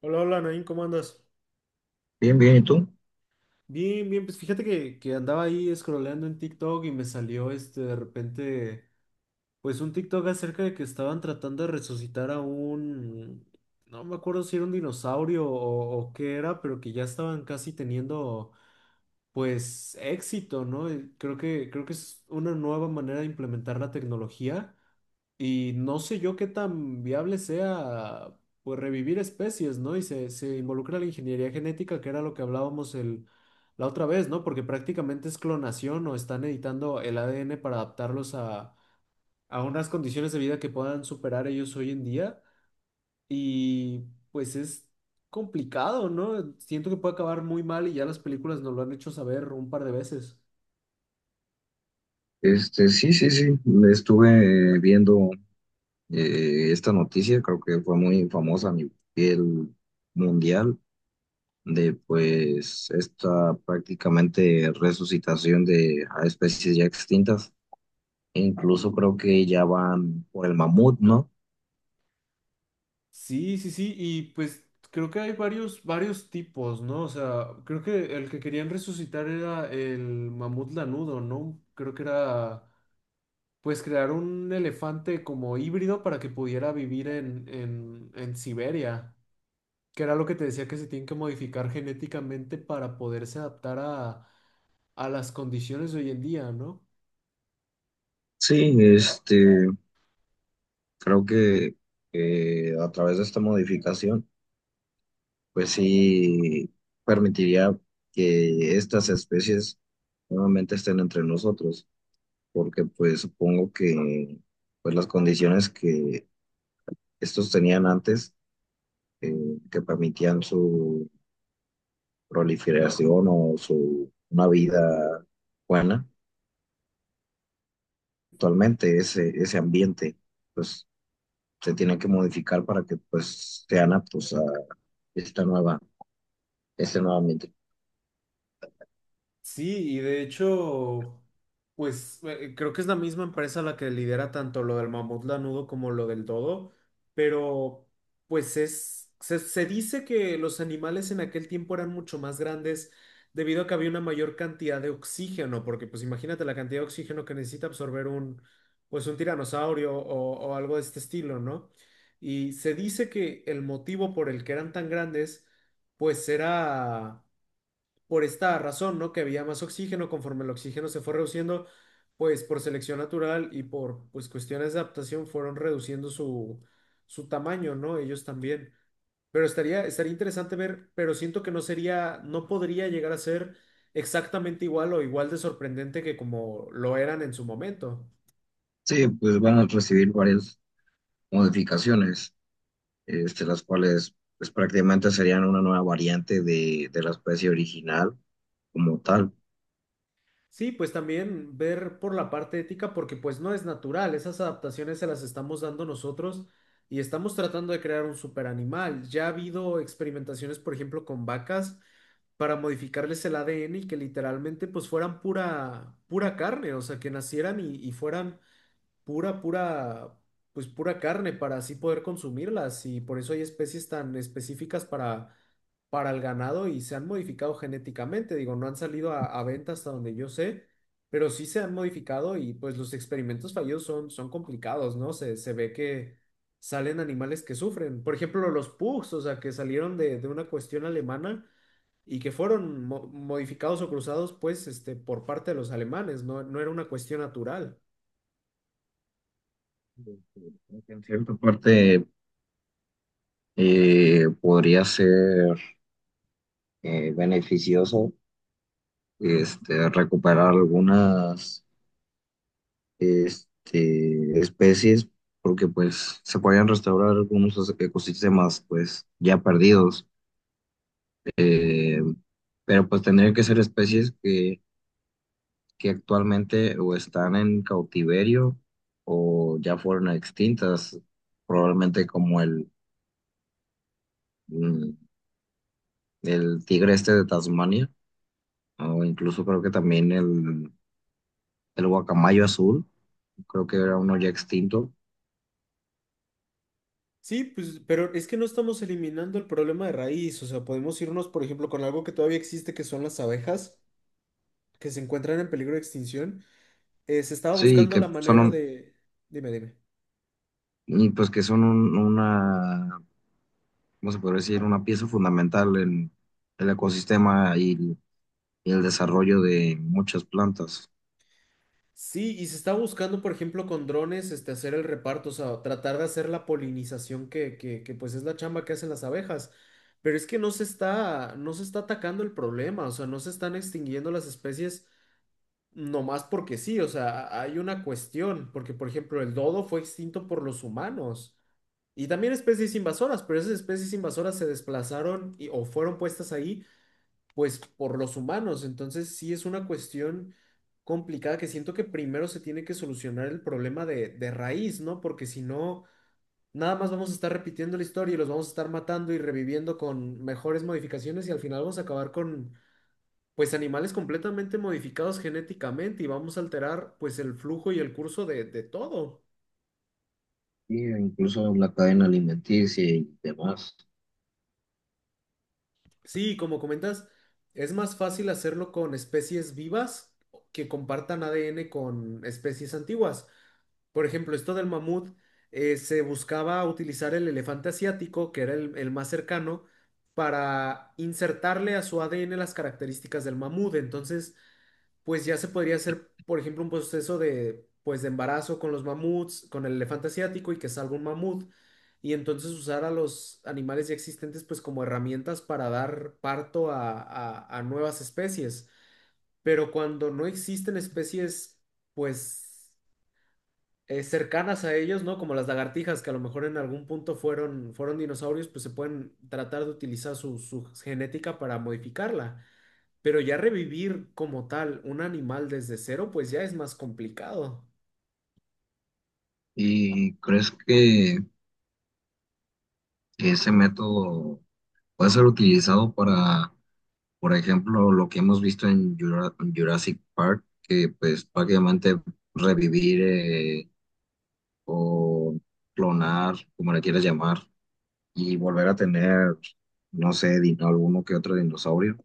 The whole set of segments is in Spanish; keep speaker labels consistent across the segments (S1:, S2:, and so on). S1: Hola, hola, Nain, ¿cómo andas?
S2: Bien, bien, ¿y tú?
S1: Bien, bien, pues fíjate que andaba ahí scrolleando en TikTok y me salió este de repente, pues un TikTok acerca de que estaban tratando de resucitar a un, no me acuerdo si era un dinosaurio o qué era, pero que ya estaban casi teniendo pues éxito, ¿no? Y creo que es una nueva manera de implementar la tecnología. Y no sé yo qué tan viable sea pues revivir especies, ¿no? Y se involucra la ingeniería genética, que era lo que hablábamos el, la otra vez, ¿no? Porque prácticamente es clonación o están editando el ADN para adaptarlos a unas condiciones de vida que puedan superar ellos hoy en día. Y pues es complicado, ¿no? Siento que puede acabar muy mal y ya las películas nos lo han hecho saber un par de veces.
S2: Sí, sí, sí, estuve viendo esta noticia, creo que fue muy famosa a nivel mundial, de pues esta prácticamente resucitación de a especies ya extintas, e incluso creo que ya van por el mamut, ¿no?
S1: Sí, sí, sí, y pues creo que hay varios tipos, ¿no? O sea, creo que el que querían resucitar era el mamut lanudo, ¿no? Creo que era, pues, crear un elefante como híbrido para que pudiera vivir en Siberia, que era lo que te decía que se tienen que modificar genéticamente para poderse adaptar a las condiciones de hoy en día, ¿no?
S2: Sí, creo que a través de esta modificación, pues sí permitiría que estas especies nuevamente estén entre nosotros. Porque pues supongo que pues las condiciones que estos tenían antes, eh, que permitían su proliferación o su una vida buena, actualmente ese ambiente pues se tiene que modificar para que pues sean aptos a esta nueva, este nuevo ambiente.
S1: Sí, y de hecho, pues creo que es la misma empresa la que lidera tanto lo del mamut lanudo como lo del dodo, pero pues es, se dice que los animales en aquel tiempo eran mucho más grandes debido a que había una mayor cantidad de oxígeno, porque pues imagínate la cantidad de oxígeno que necesita absorber un, pues un tiranosaurio o algo de este estilo, ¿no? Y se dice que el motivo por el que eran tan grandes, pues era por esta razón, ¿no? Que había más oxígeno, conforme el oxígeno se fue reduciendo, pues por selección natural y por pues cuestiones de adaptación fueron reduciendo su, su tamaño, ¿no? Ellos también. Pero estaría interesante ver, pero siento que no sería, no podría llegar a ser exactamente igual o igual de sorprendente que como lo eran en su momento.
S2: Sí, pues van a recibir varias modificaciones, este, las cuales pues prácticamente serían una nueva variante de la especie original como tal.
S1: Sí, pues también ver por la parte ética, porque pues no es natural, esas adaptaciones se las estamos dando nosotros y estamos tratando de crear un super animal. Ya ha habido experimentaciones, por ejemplo, con vacas para modificarles el ADN y que literalmente pues fueran pura, pura carne, o sea, que nacieran y fueran pura, pura, pues pura carne para así poder consumirlas y por eso hay especies tan específicas para el ganado y se han modificado genéticamente. Digo, no han salido a venta hasta donde yo sé, pero sí se han modificado y pues los experimentos fallidos son complicados, ¿no? Se ve que salen animales que sufren. Por ejemplo, los pugs, o sea, que salieron de una cuestión alemana y que fueron modificados o cruzados, pues, este, por parte de los alemanes, no, no era una cuestión natural.
S2: Creo que en cierta parte podría ser beneficioso, este, recuperar algunas, este, especies, porque pues se podrían restaurar algunos ecosistemas pues ya perdidos. Eh, pero pues tendrían que ser especies que actualmente o están en cautiverio o ya fueron extintas, probablemente como el, mm, el tigre este de Tasmania. O incluso creo que también el guacamayo azul, creo que era uno ya extinto.
S1: Sí, pues, pero es que no estamos eliminando el problema de raíz, o sea, podemos irnos, por ejemplo, con algo que todavía existe, que son las abejas, que se encuentran en peligro de extinción. Se estaba
S2: Sí,
S1: buscando
S2: que
S1: la
S2: son
S1: manera de... Dime, dime.
S2: y pues que son una, ¿cómo se podría decir? Una pieza fundamental en el ecosistema y el desarrollo de muchas plantas.
S1: Sí, y se está buscando, por ejemplo, con drones, este, hacer el reparto, o sea, tratar de hacer la polinización pues es la chamba que hacen las abejas. Pero es que no se está atacando el problema, o sea, no se están extinguiendo las especies nomás porque sí, o sea, hay una cuestión, porque por ejemplo, el dodo fue extinto por los humanos y también especies invasoras, pero esas especies invasoras se desplazaron o fueron puestas ahí pues por los humanos. Entonces sí es una cuestión complicada que siento que primero se tiene que solucionar el problema de raíz, ¿no? Porque si no, nada más vamos a estar repitiendo la historia y los vamos a estar matando y reviviendo con mejores modificaciones y al final vamos a acabar con, pues, animales completamente modificados genéticamente y vamos a alterar, pues, el flujo y el curso de todo.
S2: Y incluso la cadena alimenticia y demás.
S1: Sí, como comentas, es más fácil hacerlo con especies vivas que compartan ADN con especies antiguas. Por ejemplo, esto del mamut, se buscaba utilizar el elefante asiático, que era el más cercano, para insertarle a su ADN las características del mamut. Entonces, pues ya se podría hacer, por ejemplo, un proceso de, pues, de embarazo con los mamuts, con el elefante asiático y que salga un mamut. Y entonces usar a los animales ya existentes, pues, como herramientas para dar parto a, a nuevas especies. Pero cuando no existen especies, pues cercanas a ellos, ¿no? Como las lagartijas, que a lo mejor en algún punto fueron dinosaurios, pues se pueden tratar de utilizar su, su genética para modificarla. Pero ya revivir como tal un animal desde cero, pues ya es más complicado.
S2: ¿Y crees que ese método puede ser utilizado para, por ejemplo, lo que hemos visto en Jurassic Park? Que pues prácticamente revivir, o clonar, como le quieras llamar, y volver a tener, no sé, dino, alguno que otro dinosaurio,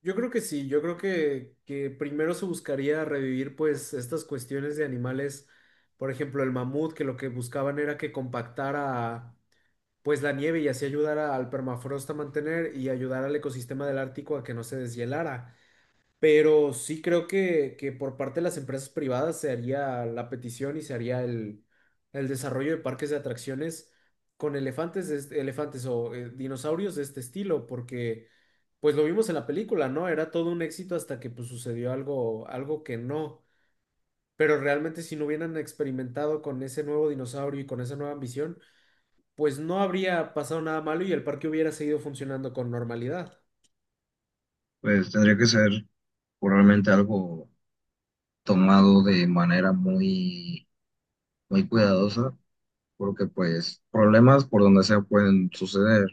S1: Yo creo que sí, yo creo que primero se buscaría revivir pues estas cuestiones de animales, por ejemplo el mamut, que lo que buscaban era que compactara pues la nieve y así ayudara al permafrost a mantener y ayudar al ecosistema del Ártico a que no se deshielara. Pero sí creo que por parte de las empresas privadas se haría la petición y se haría el desarrollo de parques de atracciones con elefantes, de elefantes o dinosaurios de este estilo, porque pues lo vimos en la película, ¿no? Era todo un éxito hasta que pues sucedió algo, algo que no. Pero realmente si no hubieran experimentado con ese nuevo dinosaurio y con esa nueva ambición, pues no habría pasado nada malo y el parque hubiera seguido funcionando con normalidad.
S2: pues tendría que ser probablemente algo tomado de manera muy, muy cuidadosa, porque pues problemas por donde sea pueden suceder,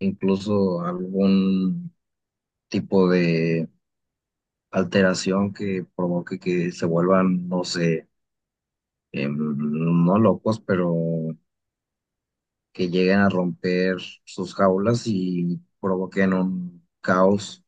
S2: incluso algún tipo de alteración que provoque que se vuelvan, no sé, no locos, pero que lleguen a romper sus jaulas y provoquen un caos.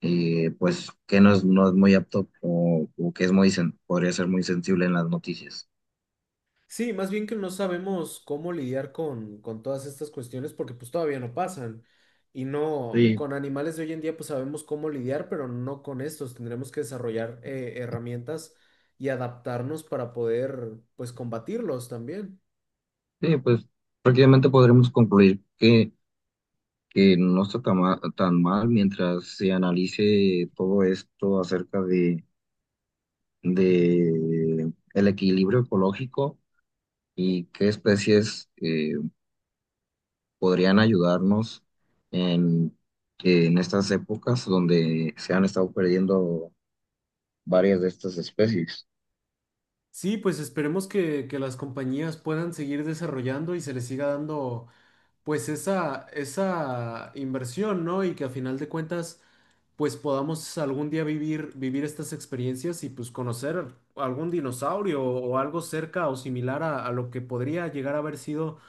S2: Pues que no es, no es muy apto o que es muy, podría ser muy sensible en las noticias.
S1: Sí, más bien que no sabemos cómo lidiar con todas estas cuestiones porque pues todavía no pasan. Y no,
S2: Sí,
S1: con animales de hoy en día pues sabemos cómo lidiar, pero no con estos. Tendremos que desarrollar herramientas y adaptarnos para poder pues combatirlos también.
S2: sí, pues prácticamente podremos concluir que no está tan mal, mientras se analice todo esto acerca de el equilibrio ecológico. Y qué especies podrían ayudarnos en, en estas épocas donde se han estado perdiendo varias de estas especies.
S1: Sí, pues esperemos que las compañías puedan seguir desarrollando y se les siga dando pues esa inversión, ¿no? Y que a final de cuentas, pues podamos algún día vivir, vivir estas experiencias y pues conocer algún dinosaurio o algo cerca o similar a lo que podría llegar a haber sido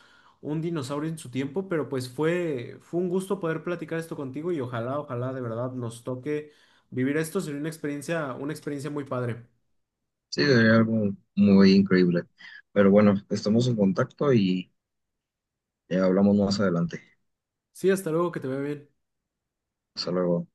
S1: un dinosaurio en su tiempo, pero pues fue, fue un gusto poder platicar esto contigo y ojalá, ojalá de verdad nos toque vivir esto, sería una experiencia muy padre.
S2: Sí, sería algo muy increíble. Pero bueno, estamos en contacto y hablamos más adelante.
S1: Sí, hasta luego, que te vea bien.
S2: Hasta luego.